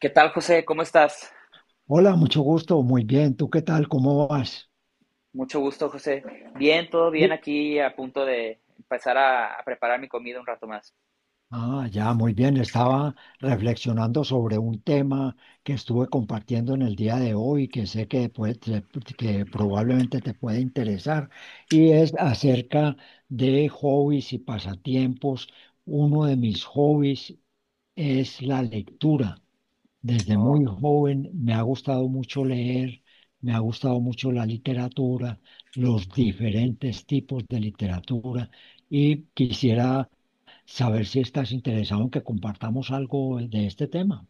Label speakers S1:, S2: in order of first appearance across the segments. S1: ¿Qué tal, José? ¿Cómo estás?
S2: Hola, mucho gusto. Muy bien. ¿Tú qué tal? ¿Cómo vas?
S1: Mucho gusto, José. Bien, todo bien
S2: Bu-
S1: aquí, a punto de empezar a preparar mi comida un rato más.
S2: Ah, ya, muy bien. Estaba reflexionando sobre un tema que estuve compartiendo en el día de hoy, que sé que, que probablemente te puede interesar, y es acerca de hobbies y pasatiempos. Uno de mis hobbies es la lectura. Desde
S1: Oh,
S2: muy joven me ha gustado mucho leer, me ha gustado mucho la literatura, los diferentes tipos de literatura y quisiera saber si estás interesado en que compartamos algo de este tema.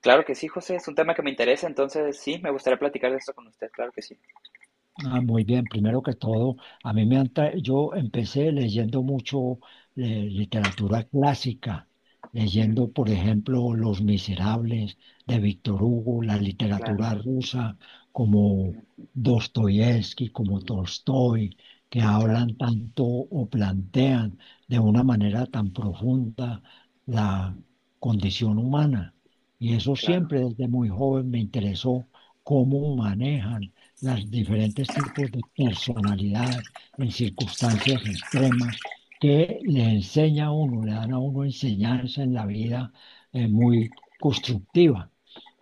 S1: claro que sí, José, es un tema que me interesa, entonces sí, me gustaría platicar de esto con usted, claro que sí.
S2: Ah, muy bien, primero que todo, a mí me han tra- yo empecé leyendo mucho eh, literatura clásica,
S1: Mm,
S2: leyendo, por ejemplo, Los Miserables de Víctor Hugo, la
S1: claro,
S2: literatura rusa como
S1: mm,
S2: Dostoyevsky, como Tolstoy, que
S1: claro,
S2: hablan tanto o plantean de una manera tan profunda la condición humana. Y eso
S1: claro,
S2: siempre desde muy joven me interesó cómo manejan los diferentes tipos de personalidad en circunstancias extremas que le enseña a uno, le dan a uno enseñanza en la vida muy constructiva.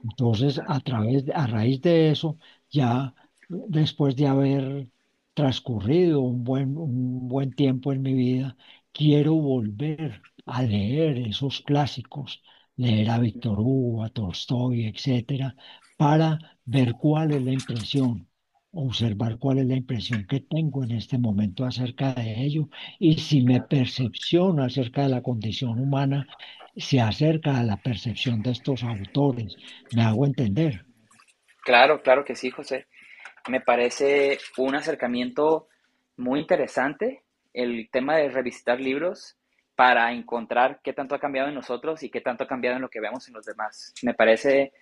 S2: Entonces,
S1: claro,
S2: a raíz de eso, ya después de haber transcurrido un buen tiempo en mi vida, quiero volver a leer esos clásicos, leer a
S1: mm,
S2: Víctor Hugo, a Tolstoy, etcétera, para ver cuál es la impresión, observar cuál es la impresión que tengo en este momento acerca de ello y si mi
S1: claro.
S2: percepción acerca de la condición humana se acerca a la percepción de estos autores. Me hago
S1: Mm.
S2: entender.
S1: Claro, claro que sí, José. Me parece un acercamiento muy interesante, el tema de revisitar libros para encontrar qué tanto ha cambiado en nosotros y qué tanto ha cambiado en lo que vemos en los demás. Me parece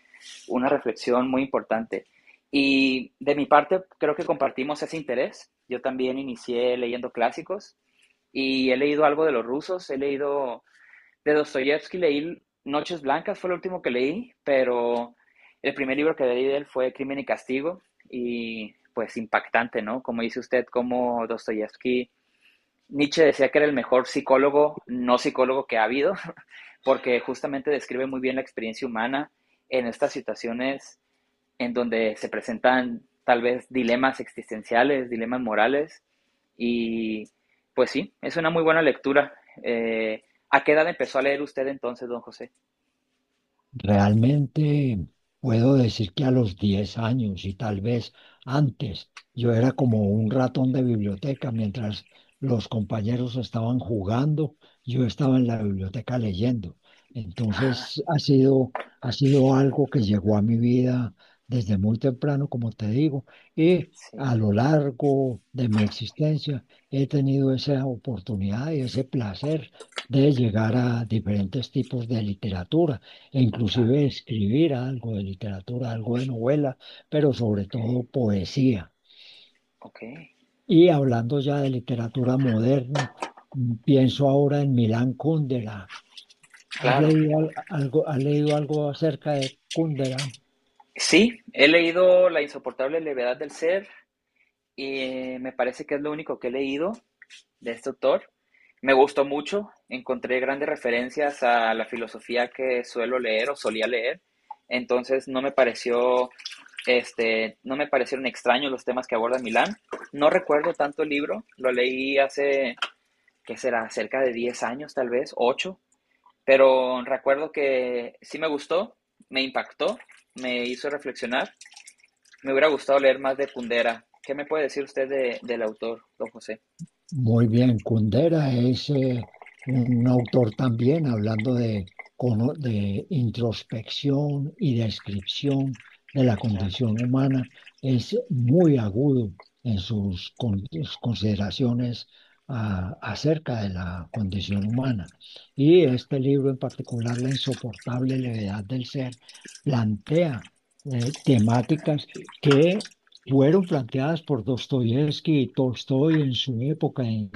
S1: una reflexión muy importante. Y de mi parte, creo que compartimos ese interés. Yo también inicié leyendo clásicos y he leído algo de los rusos, he leído de Dostoyevsky, leí Noches Blancas, fue lo último que leí, pero el primer libro que leí de él fue Crimen y Castigo y pues impactante, ¿no? Como dice usted, como Dostoyevsky, Nietzsche decía que era el mejor psicólogo, no psicólogo que ha habido, porque justamente describe muy bien la experiencia humana en estas situaciones en donde se presentan tal vez dilemas existenciales, dilemas morales, y pues sí, es una muy buena lectura. Eh, ¿A qué edad empezó a leer usted entonces, don José?
S2: Realmente puedo decir que a los 10 años y tal vez antes, yo era como un ratón de biblioteca. Mientras los compañeros estaban jugando, yo estaba en la biblioteca leyendo.
S1: Ah,
S2: Entonces ha sido algo que llegó a mi vida desde muy temprano, como te digo, y
S1: sí,
S2: a lo largo de mi existencia he tenido esa oportunidad y ese placer de llegar a diferentes tipos de literatura e inclusive
S1: claro,
S2: escribir algo de literatura, algo de novela, pero sobre
S1: ok,
S2: todo poesía.
S1: ok,
S2: Y hablando ya de literatura moderna, mm, pienso ahora en Milán Kundera. ¿Has
S1: claro.
S2: leído algo, has leído algo acerca de Kundera?
S1: Sí, he leído La insoportable levedad del ser y me parece que es lo único que he leído de este autor. Me gustó mucho, encontré grandes referencias a la filosofía que suelo leer o solía leer, entonces no me pareció este, no me parecieron extraños los temas que aborda Milán. No recuerdo tanto el libro, lo leí hace, que será, cerca de 10 años tal vez, 8, pero recuerdo que sí me gustó, me impactó, me hizo reflexionar. Me hubiera gustado leer más de Kundera. ¿Qué me puede decir usted del autor, don José?
S2: Muy bien, Kundera es un autor también hablando de, de introspección y descripción de la
S1: Claro,
S2: condición humana. Es muy agudo en sus consideraciones, acerca de la condición humana. Y
S1: claro,
S2: este libro en particular, La insoportable levedad del ser, plantea temáticas que fueron planteadas por Dostoyevsky y Tolstoy en su época,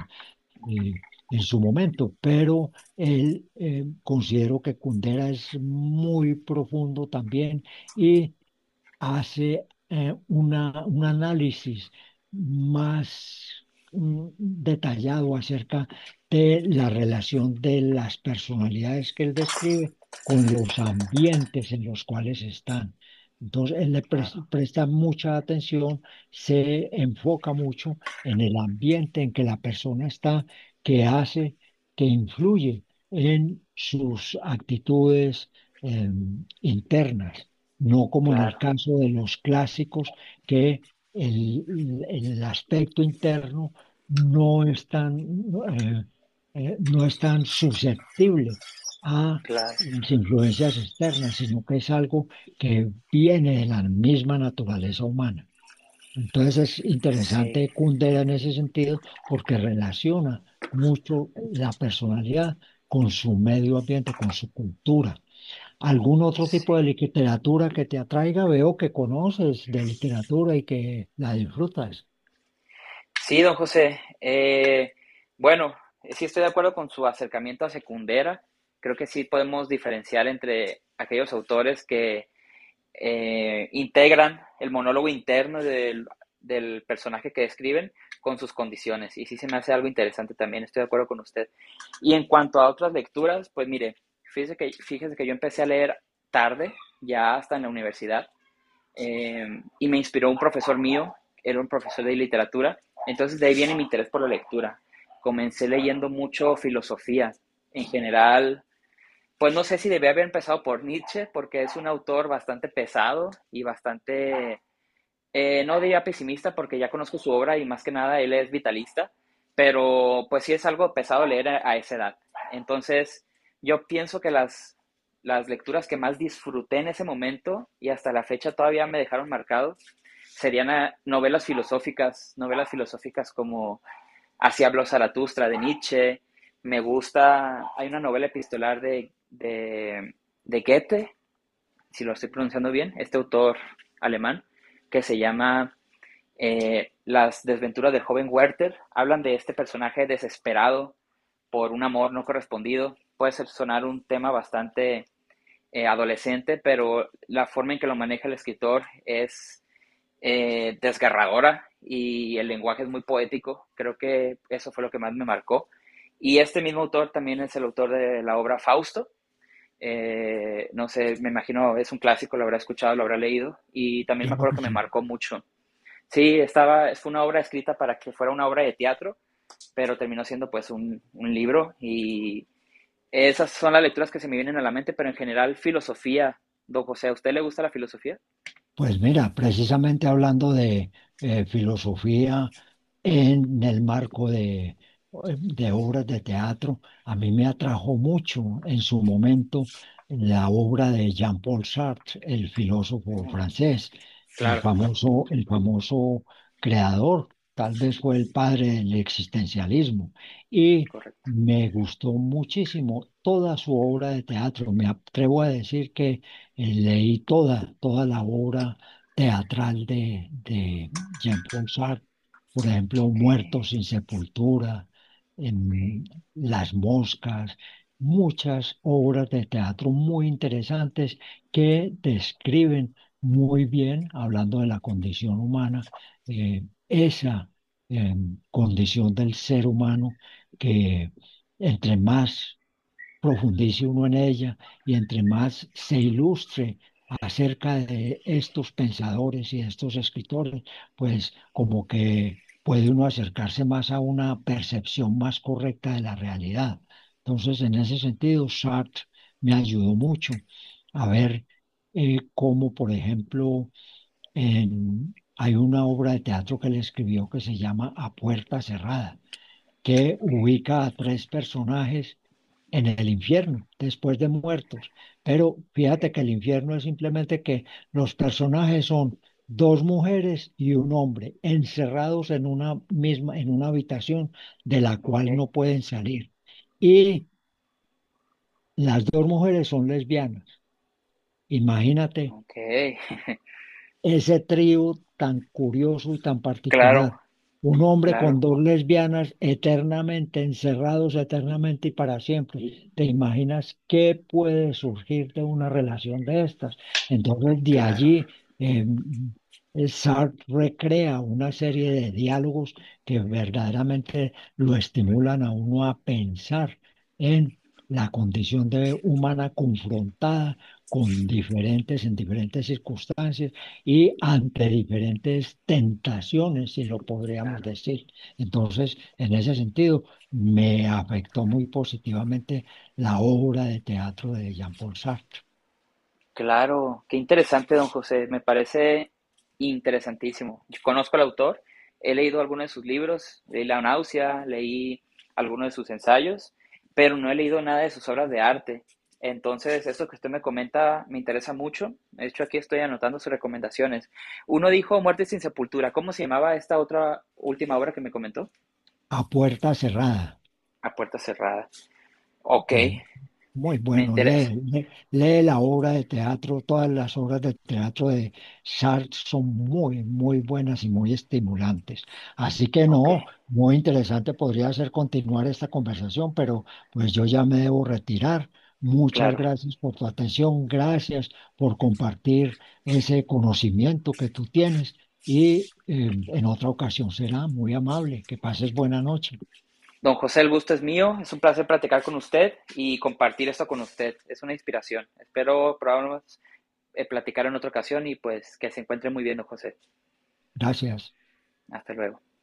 S2: eh, en su momento, pero él considero que Kundera es muy profundo también y hace un análisis más, mm, detallado acerca de la relación de las personalidades que él describe con los ambientes en los cuales están. Entonces, él
S1: claro.
S2: presta mucha atención, se enfoca mucho en el ambiente en que la persona está, que hace, que influye en sus actitudes, internas, no como en el
S1: Claro,
S2: caso de los clásicos, que el aspecto interno no es tan, no es tan susceptible a
S1: claro,
S2: las influencias externas, sino que es algo que viene de la misma naturaleza humana. Entonces es
S1: sí,
S2: interesante Kundera en ese sentido porque relaciona mucho la personalidad con su medio ambiente, con su cultura. ¿Algún otro tipo de
S1: sí.
S2: literatura que te atraiga? Veo que conoces de literatura y que la disfrutas.
S1: Sí, don José, bueno, sí estoy de acuerdo con su acercamiento a Secundera. Creo que sí podemos diferenciar entre aquellos autores que integran el monólogo interno del personaje que describen con sus condiciones. Y sí se me hace algo interesante también, estoy de acuerdo con usted. Y en cuanto a otras lecturas, pues mire, fíjese que yo empecé a leer tarde, ya hasta en la universidad, y me inspiró un profesor mío, era un profesor de literatura, entonces de ahí viene mi interés por la lectura. Comencé leyendo mucho filosofía en general, pues no sé si debía haber empezado por Nietzsche, porque es un autor bastante pesado y bastante no diría pesimista porque ya conozco su obra y más que nada él es vitalista, pero pues sí es algo pesado leer a esa edad. Entonces, yo pienso que las lecturas que más disfruté en ese momento y hasta la fecha todavía me dejaron marcado serían a, novelas filosóficas como Así habló Zaratustra de Nietzsche, me gusta, hay una novela epistolar de Goethe, si lo estoy pronunciando bien, este autor alemán, que se llama las desventuras del joven Werther hablan de este personaje desesperado por un amor no correspondido. Puede sonar un tema bastante adolescente, pero la forma en que lo maneja el escritor es desgarradora y el lenguaje es muy poético. Creo que eso fue lo que más me marcó. Y este mismo autor también es el autor de la obra Fausto. No sé, me imagino es un clásico, lo habrá escuchado, lo habrá leído. Y también me
S2: Claro
S1: acuerdo
S2: que
S1: que me
S2: sí.
S1: marcó mucho. Sí, estaba, fue una obra escrita para que fuera una obra de teatro, pero terminó siendo pues un libro y esas son las lecturas que se me vienen a la mente, pero en general filosofía, don José, ¿a usted le gusta la filosofía?
S2: Pues mira, precisamente hablando de filosofía, en el marco de obras de teatro. A mí me atrajo mucho en su momento la obra de Jean-Paul Sartre, el filósofo
S1: No,
S2: francés,
S1: claro,
S2: el famoso creador, tal vez fue el padre del existencialismo. Y
S1: correcto.
S2: me gustó muchísimo toda su obra de teatro. Me atrevo a decir que leí toda la obra teatral de Jean-Paul Sartre. Por ejemplo,
S1: Ok,
S2: Muertos sin Sepultura,
S1: ok,
S2: em, Las Moscas, muchas obras de teatro muy interesantes que describen muy bien, hablando de la condición humana, esa, em, condición del ser humano, que entre más profundice uno en ella y entre más se ilustre acerca de estos pensadores y de estos escritores, pues como que puede uno acercarse más a una percepción más correcta de la realidad. Entonces, en ese sentido, Sartre me ayudó mucho a ver, cómo, por ejemplo, hay una obra de teatro que él escribió que se llama A Puerta Cerrada, que
S1: ok,
S2: ubica a 3 personajes en el infierno, después de muertos. Pero
S1: ok,
S2: fíjate que el infierno es simplemente que los personajes son 2 mujeres y 1 hombre encerrados en una misma, en una habitación de la
S1: ok,
S2: cual no pueden salir. Y las 2 mujeres son lesbianas. Imagínate
S1: ok,
S2: ese trío tan curioso y tan
S1: claro,
S2: particular. Un hombre con
S1: claro,
S2: 2 lesbianas eternamente encerrados, eternamente y para siempre. ¿Te imaginas qué puede surgir de una relación de estas? Entonces, de
S1: claro,
S2: allí, eh, Sartre recrea una serie de diálogos que verdaderamente lo estimulan a uno a pensar en la condición de humana confrontada con diferentes, en diferentes circunstancias y ante diferentes tentaciones, si lo podríamos
S1: claro.
S2: decir. Entonces, en ese sentido, me afectó muy positivamente la obra de teatro de Jean-Paul Sartre,
S1: Claro, qué interesante, don José. Me parece interesantísimo. Yo conozco al autor, he leído algunos de sus libros, leí La náusea, leí algunos de sus ensayos, pero no he leído nada de sus obras de arte. Entonces, eso que usted me comenta me interesa mucho. De hecho, aquí estoy anotando sus recomendaciones. Uno dijo Muerte sin sepultura. ¿Cómo se llamaba esta otra última obra que me comentó?
S2: A Puerta Cerrada.
S1: A puerta cerrada. Ok,
S2: Eh, Muy
S1: me
S2: bueno,
S1: interesa.
S2: lee la obra de teatro, todas las obras de teatro de Sartre son muy, muy buenas y muy estimulantes. Así que
S1: Ok,
S2: no, muy interesante podría ser continuar esta conversación, pero pues yo ya me debo retirar. Muchas
S1: claro.
S2: gracias por tu atención, gracias por compartir ese conocimiento que tú tienes y, en otra ocasión será muy amable. Que pases buena noche.
S1: Don José, el gusto es mío. Es un placer platicar con usted y compartir esto con usted. Es una inspiración. Espero probablemente platicar en otra ocasión y pues que se encuentre muy bien, don José.
S2: Gracias.
S1: Hasta luego.